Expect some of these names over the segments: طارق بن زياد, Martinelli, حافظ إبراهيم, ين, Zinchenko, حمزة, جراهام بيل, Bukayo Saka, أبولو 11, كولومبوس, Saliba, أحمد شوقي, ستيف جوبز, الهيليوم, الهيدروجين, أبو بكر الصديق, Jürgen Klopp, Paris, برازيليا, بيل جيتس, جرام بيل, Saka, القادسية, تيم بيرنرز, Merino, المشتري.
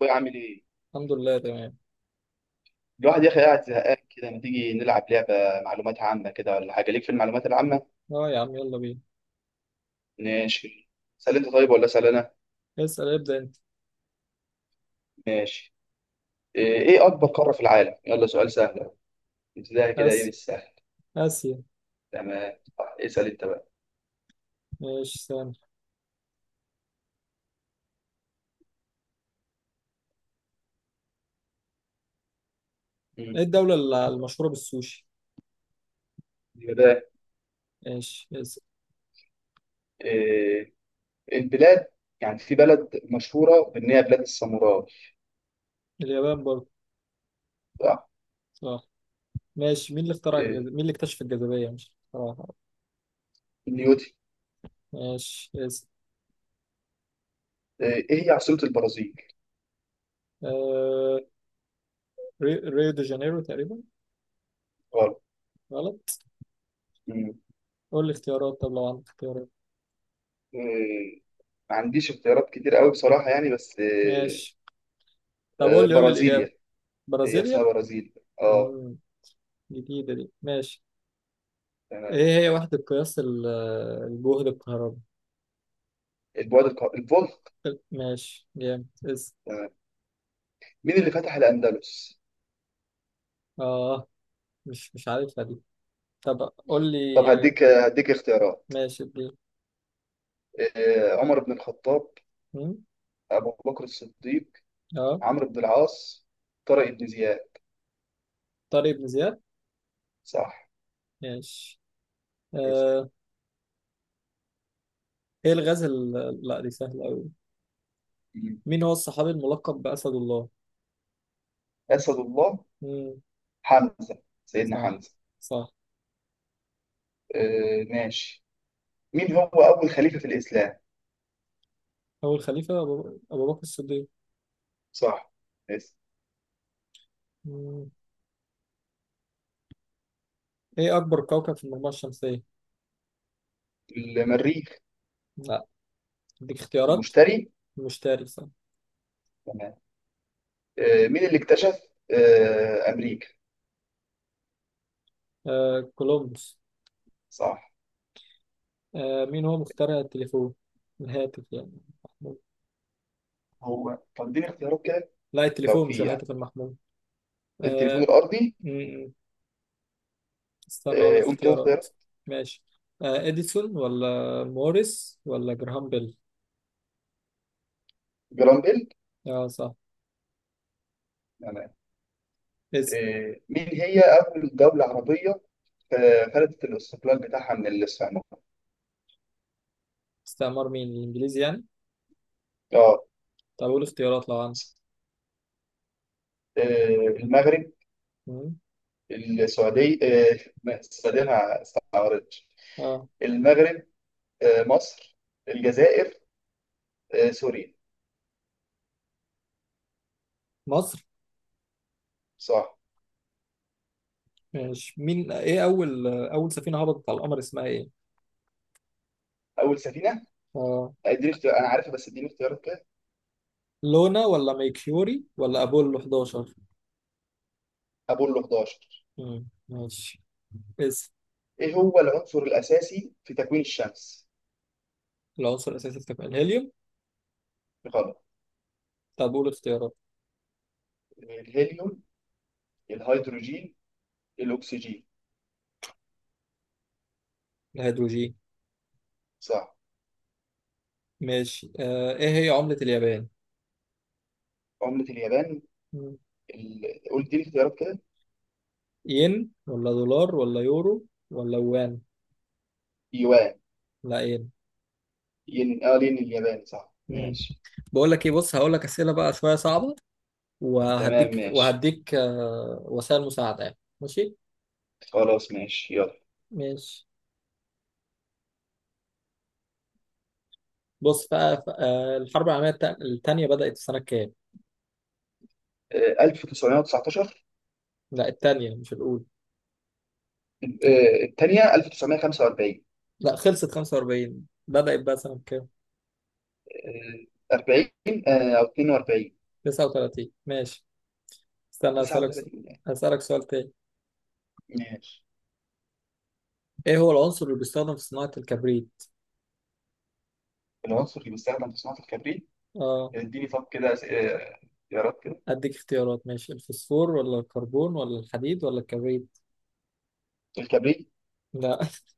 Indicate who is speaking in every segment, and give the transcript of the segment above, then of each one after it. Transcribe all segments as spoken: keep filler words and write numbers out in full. Speaker 1: بعمل ايه.
Speaker 2: الحمد لله، تمام.
Speaker 1: الواحد يا اخي قاعد زهقان كده، ما تيجي نلعب لعبه معلومات عامه كده ولا حاجه؟ ليك في المعلومات العامه؟
Speaker 2: اه يا عم، يلا بينا.
Speaker 1: ماشي. سأل انت طيب ولا اسال انا؟
Speaker 2: اسأل، ابدأ انت.
Speaker 1: ماشي. ايه إيه اكبر قاره في العالم؟ يلا سؤال سهل ابتدائي كده، ايه
Speaker 2: اسيا.
Speaker 1: بالسهل.
Speaker 2: اسيا.
Speaker 1: تمام طيب، اسال انت بقى.
Speaker 2: ماشي، سامع.
Speaker 1: مم.
Speaker 2: ايه الدولة الل- المشهورة بالسوشي؟
Speaker 1: كده.
Speaker 2: ماشي، اسأل.
Speaker 1: إيه البلاد، يعني في بلد مشهوره بان هي بلاد الساموراي.
Speaker 2: اليابان برضه.
Speaker 1: صح.
Speaker 2: صح. ماشي. مين اللي اخترع الجز...
Speaker 1: إيه
Speaker 2: مين اللي اكتشف الجاذبية؟ مش صراحة؟
Speaker 1: نيوتي.
Speaker 2: ماشي، اسأل.
Speaker 1: إيه إيه هي عاصمه البرازيل؟
Speaker 2: آه... ري... ريو دي جانيرو تقريبا.
Speaker 1: غلط.
Speaker 2: غلط.
Speaker 1: مم.
Speaker 2: قول لي اختيارات، طب لو عندك اختيارات.
Speaker 1: إيه ما عنديش اختيارات كتير قوي بصراحه يعني، بس إيه.
Speaker 2: ماشي، طب
Speaker 1: آه،
Speaker 2: قول لي، قول لي الإجابة.
Speaker 1: برازيليا، هي اسمها
Speaker 2: برازيليا.
Speaker 1: برازيل. اه
Speaker 2: امم، جديدة دي. ماشي.
Speaker 1: تمام.
Speaker 2: ايه هي وحدة قياس ال- الجهد الكهربي؟
Speaker 1: البعد الق... الفولق.
Speaker 2: ماشي، جامد. اسأل.
Speaker 1: تمام. مين اللي فتح الأندلس؟
Speaker 2: اه، مش مش عارفها دي. طب قول لي،
Speaker 1: طب هديك هديك اختيارات.
Speaker 2: ماشي دي.
Speaker 1: آه، عمر بن الخطاب،
Speaker 2: مم؟
Speaker 1: أبو بكر الصديق،
Speaker 2: اه،
Speaker 1: عمرو بن العاص، طارق بن زياد.
Speaker 2: طارق بن زياد.
Speaker 1: صح.
Speaker 2: ماشي.
Speaker 1: اسم.
Speaker 2: آه، ايه الغاز ال... لا دي سهلة أوي.
Speaker 1: مم.
Speaker 2: مين هو الصحابي الملقب بأسد الله؟
Speaker 1: أسد الله،
Speaker 2: مم.
Speaker 1: حمزة سيدنا
Speaker 2: صح.
Speaker 1: حمزة.
Speaker 2: صح.
Speaker 1: آه، ماشي. مين هو أول خليفة في الإسلام؟
Speaker 2: أول خليفة، أبو, أبو بكر الصديق.
Speaker 1: صح. اسم.
Speaker 2: مم. ايه أكبر كوكب في المجموعة الشمسية؟
Speaker 1: المريخ،
Speaker 2: لا، اديك اختيارات.
Speaker 1: المشتري.
Speaker 2: المشتري، صح.
Speaker 1: تمام. آه، مين اللي اكتشف آه، أمريكا؟
Speaker 2: آه، كولومبوس.
Speaker 1: صح.
Speaker 2: آه، مين هو مخترع التليفون؟ الهاتف يعني، المحمول.
Speaker 1: هو طب اديني اختيارات كده
Speaker 2: لا،
Speaker 1: لو
Speaker 2: التليفون مش
Speaker 1: في، يعني
Speaker 2: الهاتف المحمول.
Speaker 1: التليفون الارضي.
Speaker 2: آه، استنى اقول لك
Speaker 1: آه، قول كده
Speaker 2: اختيارات.
Speaker 1: اختيارات.
Speaker 2: ماشي، آه، اديسون ولا موريس ولا جراهام بيل.
Speaker 1: جرام بيل.
Speaker 2: اه صح.
Speaker 1: تمام.
Speaker 2: اسم.
Speaker 1: آه، مين هي اول دوله عربيه آه، خدت الاستقلال بتاعها من الاسبان؟
Speaker 2: استعمار مين، الانجليزي يعني؟
Speaker 1: اه.
Speaker 2: طب اقول اختيارات لو عندك.
Speaker 1: آه، المغرب،
Speaker 2: مم.
Speaker 1: السعوديه، آه، ما- السعوديه ما استعارتش،
Speaker 2: اه،
Speaker 1: المغرب، آه، مصر، الجزائر، آه، سوريا.
Speaker 2: مصر.
Speaker 1: صح.
Speaker 2: ماشي. مين ايه اول اول سفينة هبطت على القمر اسمها ايه؟
Speaker 1: اول سفينه.
Speaker 2: اه،
Speaker 1: اديني اختيار، انا عارفها بس اديني اختيارات كده.
Speaker 2: لونا ولا ميكيوري ولا ابولو احداشر؟
Speaker 1: ابولو حداشر.
Speaker 2: مم، ماشي. اسم.
Speaker 1: ايه هو العنصر الاساسي في تكوين الشمس؟
Speaker 2: العنصر الاساسي في تفاعل الهيليوم.
Speaker 1: غلط.
Speaker 2: طب قول اختيارات.
Speaker 1: الهيليوم، الهيدروجين، الأكسجين.
Speaker 2: الهيدروجين.
Speaker 1: صح.
Speaker 2: ماشي. آه، ايه هي عملة اليابان؟
Speaker 1: عملة اليابان.
Speaker 2: مم.
Speaker 1: ال... قلت لي اختيارات كده.
Speaker 2: ين ولا دولار ولا يورو ولا وان.
Speaker 1: يوان.
Speaker 2: لا ايه.
Speaker 1: ين اه، لين الياباني. صح
Speaker 2: مم.
Speaker 1: ماشي.
Speaker 2: بقول لك ايه، بص، هقول لك اسئله بقى شويه صعبه،
Speaker 1: تمام
Speaker 2: وهديك
Speaker 1: ماشي.
Speaker 2: وهديك آه، وسائل مساعده يعني، ماشي؟
Speaker 1: خلاص ماشي يلا.
Speaker 2: ماشي. بص بقى، ف- آه، الحرب العالميه التا- التانيه بدات في سنه كام؟
Speaker 1: آه، ألف وتسعمئة وتسعة عشر.
Speaker 2: لا، التانيه مش الاولى.
Speaker 1: آه، الثانية ألف وتسعمية وخمسة وأربعين.
Speaker 2: لا، خلصت خمسة واربعين، بدات بقى سنه كام؟
Speaker 1: آه، أربعين، آه، أو اتنين وأربعين.
Speaker 2: تسعة وتلاتين. ماشي، استنى اسالك س-
Speaker 1: تسعة وتلاتين يعني.
Speaker 2: اسالك سؤال تاني.
Speaker 1: ماشي.
Speaker 2: ايه هو العنصر اللي بيستخدم في صناعه الكبريت؟
Speaker 1: العنصر اللي بيستخدم في صناعة الكبريت.
Speaker 2: اه،
Speaker 1: اديني طب كده أس- آه، اختيارات كده.
Speaker 2: اديك اختيارات. ماشي، الفوسفور ولا الكربون ولا الحديد ولا الكبريت.
Speaker 1: الكبريت،
Speaker 2: لا.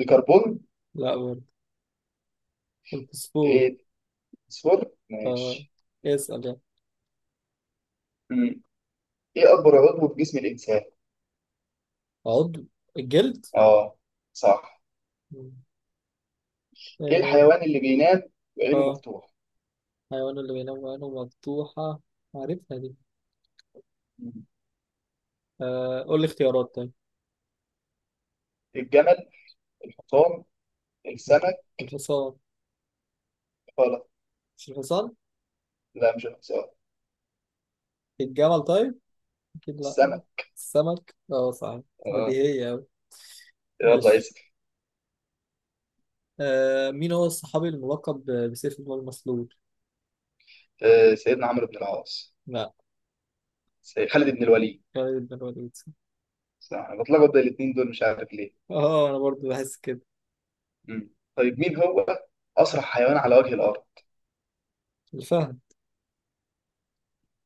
Speaker 1: الكربون،
Speaker 2: لا برضه. الفوسفور.
Speaker 1: آه، الفوسفور
Speaker 2: اه.
Speaker 1: ماشي.
Speaker 2: اسأل يعني.
Speaker 1: مم. إيه أكبر عضو في جسم الإنسان؟
Speaker 2: عضو؟ الجلد.
Speaker 1: اه صح.
Speaker 2: مم.
Speaker 1: ايه
Speaker 2: اه.
Speaker 1: الحيوان اللي بينام وعينه
Speaker 2: آه،
Speaker 1: مفتوح؟
Speaker 2: حيوان اللي بينام وعينه مفتوحة، عارفها دي.
Speaker 1: مم.
Speaker 2: آه، قول لي اختيارات طيب.
Speaker 1: الجمل، الحصان، السمك.
Speaker 2: الحصان.
Speaker 1: غلط.
Speaker 2: مش الحصان؟
Speaker 1: لا مش الحصان.
Speaker 2: الجمل طيب؟ أكيد لأ.
Speaker 1: السمك.
Speaker 2: السمك، اه صح.
Speaker 1: اه.
Speaker 2: بديهية أوي.
Speaker 1: يلا
Speaker 2: ماشي.
Speaker 1: اسال.
Speaker 2: آه، مين هو الصحابي الملقب ب- بسيف الله المسلول؟
Speaker 1: آه، سيدنا عمرو بن العاص،
Speaker 2: لأ.
Speaker 1: سيد خالد بن الوليد.
Speaker 2: خالد بن الوليد.
Speaker 1: صح. انا بتلخبط بين الاثنين دول مش عارف ليه.
Speaker 2: اه، أنا برضو بحس كده.
Speaker 1: مم. طيب مين هو اسرع حيوان على وجه الارض؟
Speaker 2: الفهد.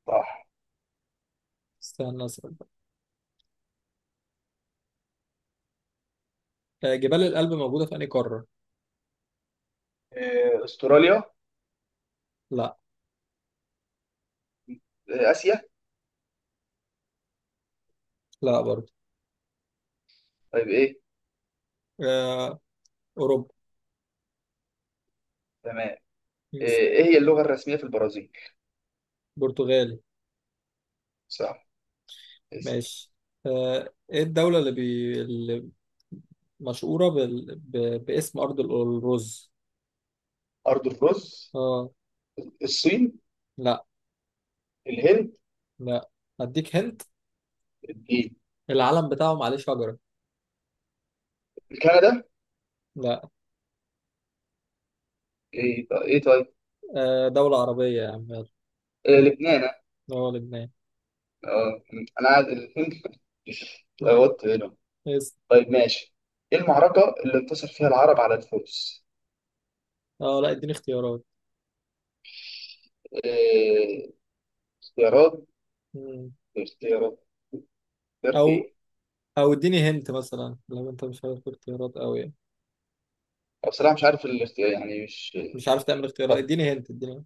Speaker 1: صح.
Speaker 2: استنى أسأل بقى. آه، جبال الألب موجودة في أنهي قارة؟
Speaker 1: آه، استراليا،
Speaker 2: لأ.
Speaker 1: آه، اسيا.
Speaker 2: لأ برضو.
Speaker 1: طيب ايه؟
Speaker 2: آه، أوروبا.
Speaker 1: تمام. آه،
Speaker 2: يس.
Speaker 1: ايه هي اللغة الرسمية في البرازيل؟
Speaker 2: برتغالي.
Speaker 1: صح. اسال.
Speaker 2: ماشي. آه، ايه الدولة اللي, بي... اللي مشهورة بال... ب... باسم أرض ال- الرز.
Speaker 1: ارض الرز،
Speaker 2: اه.
Speaker 1: الصين،
Speaker 2: لا.
Speaker 1: الهند،
Speaker 2: لا. هديك هنت.
Speaker 1: الدين،
Speaker 2: العلم بتاعهم عليه شجرة.
Speaker 1: كندا.
Speaker 2: لا.
Speaker 1: ايه طيب، ايه طيب.
Speaker 2: آه، دولة عربية يا عم، يلا.
Speaker 1: إيه لبنان.
Speaker 2: اه، لبنان.
Speaker 1: اه. انا قاعد الهند
Speaker 2: مم.
Speaker 1: لغوت هنا.
Speaker 2: يس.
Speaker 1: طيب ماشي. ايه المعركة اللي انتصر فيها العرب على الفرس؟
Speaker 2: اه لا، اديني اختيارات.
Speaker 1: إيه اختيارات
Speaker 2: مم.
Speaker 1: اختيارات؟ اختيارات
Speaker 2: أو،
Speaker 1: ايه؟
Speaker 2: أو اديني هنت مثلا لو أنت مش عارف اختيارات أوي يعني.
Speaker 1: أو بصراحة مش عارف الاختيار، يعني مش.
Speaker 2: مش عارف تعمل اختيارات،
Speaker 1: طب
Speaker 2: اديني هنت، اديني.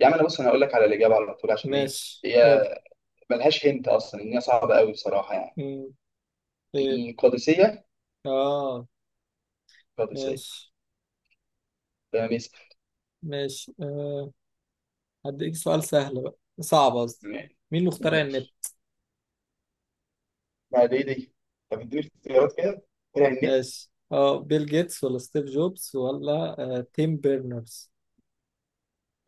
Speaker 1: يا عم انا بص، انا هقول لك على الإجابة على طول، عشان ايه؟
Speaker 2: ماشي
Speaker 1: هي
Speaker 2: قول.
Speaker 1: ملهاش هنت اصلا، ان هي صعبة قوي بصراحة يعني.
Speaker 2: مم. ايه.
Speaker 1: القادسية،
Speaker 2: اه.
Speaker 1: القادسية.
Speaker 2: ماشي.
Speaker 1: تمام يس-
Speaker 2: ماشي. آه، هديك سؤال سهل بقى، صعب قصدي.
Speaker 1: ماشي
Speaker 2: مين اللي اخترع النت؟
Speaker 1: ماشي. بعد ايه دي، طب اديني اختيارات كده.
Speaker 2: ماشي، اه، بيل جيتس ولا ستيف جوبز ولا آه تيم بيرنرز.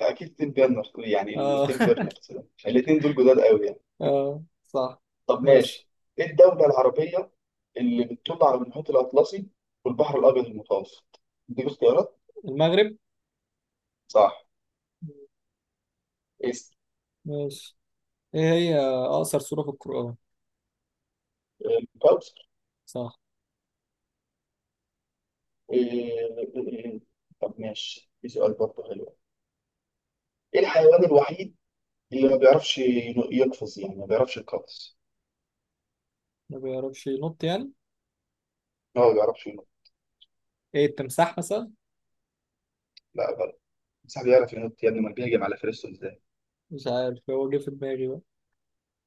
Speaker 1: اكيد تيم بيرنرز، يعني التيم
Speaker 2: اه.
Speaker 1: بيرنرز ده، الاثنين دول جداد قوي يعني.
Speaker 2: اه صح.
Speaker 1: طب
Speaker 2: ماشي.
Speaker 1: ماشي. ايه الدوله العربيه اللي بتطل على المحيط الاطلسي والبحر الابيض المتوسط؟ دي اختيارات.
Speaker 2: المغرب.
Speaker 1: صح. اسم.
Speaker 2: ماشي. ايه هي اقصر سورة في القرآن؟
Speaker 1: الكوثر.
Speaker 2: صح.
Speaker 1: إيه- طب ماشي، في سؤال برضه حلو. ايه الحيوان الوحيد اللي ما بيعرفش ينو- يقفز، يعني ما بيعرفش يقفز؟
Speaker 2: ما بيعرفش ينط يعني؟
Speaker 1: هو ما بيعرفش ينط.
Speaker 2: ايه، التمساح مثلا.
Speaker 1: لا غلط. بس بيعرف ينط يا ابني، ما بيهجم على فريسته ازاي؟
Speaker 2: مش عارف، هو جه في دماغي بقى.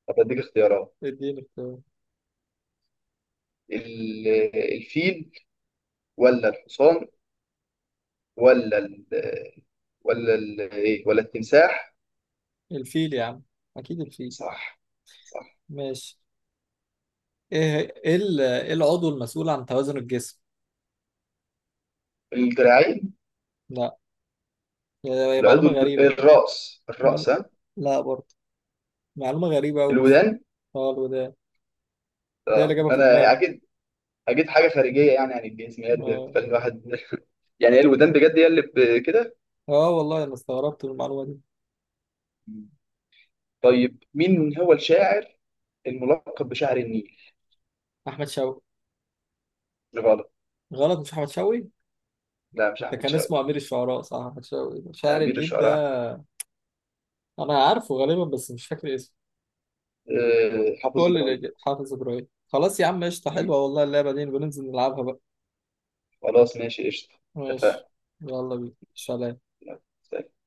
Speaker 1: طب اديك اختيارات.
Speaker 2: اديني اختيار.
Speaker 1: ال- الفيل، ولا الحصان، ولا ال، ولا ال ايه، ولا التمساح.
Speaker 2: الفيل يا عم، اكيد الفيل.
Speaker 1: صح صح.
Speaker 2: ماشي. ايه ايه ال- إيه العضو المسؤول عن توازن الجسم؟
Speaker 1: الدراعين.
Speaker 2: لا. هي
Speaker 1: العضو.
Speaker 2: معلومة غريبة.
Speaker 1: الراس الراس
Speaker 2: معلو...
Speaker 1: ها.
Speaker 2: لا برضه. معلومة غريبة أوي، مش.
Speaker 1: الودان.
Speaker 2: اه، الوداد. ده هي اللي
Speaker 1: اه
Speaker 2: جابها في
Speaker 1: انا
Speaker 2: دماغي.
Speaker 1: اكيد. اكيد حاجه خارجيه يعني عن الجسم، هي اللي
Speaker 2: اه.
Speaker 1: بتخلي الواحد يعني هي الودان بجد، هي اللي ب- كده.
Speaker 2: اه والله، أنا استغربت من المعلومة دي.
Speaker 1: طيب مين هو الشاعر الملقب بشاعر النيل؟
Speaker 2: أحمد شوقي.
Speaker 1: غلط.
Speaker 2: غلط؟ مش أحمد شوقي؟
Speaker 1: لا مش
Speaker 2: ده
Speaker 1: احمد
Speaker 2: كان
Speaker 1: شوقي.
Speaker 2: اسمه أمير الشعراء، صح؟ أحمد شوقي
Speaker 1: لا،
Speaker 2: شاعر
Speaker 1: امير
Speaker 2: النيل
Speaker 1: الشعراء أحمد.
Speaker 2: ده. أنا عارفه غالبا بس مش فاكر اسمه.
Speaker 1: أه حافظ
Speaker 2: قول لي
Speaker 1: ابراهيم.
Speaker 2: الإجابة. حافظ إبراهيم، خلاص يا عم، قشطة.
Speaker 1: مم.
Speaker 2: حلوة والله، اللعبة دي نبقى ننزل نلعبها بقى.
Speaker 1: خلاص ماشي قشطه. اتفقنا.
Speaker 2: ماشي، يلا بينا،
Speaker 1: ماشي.
Speaker 2: سلام.
Speaker 1: يلا، سلام.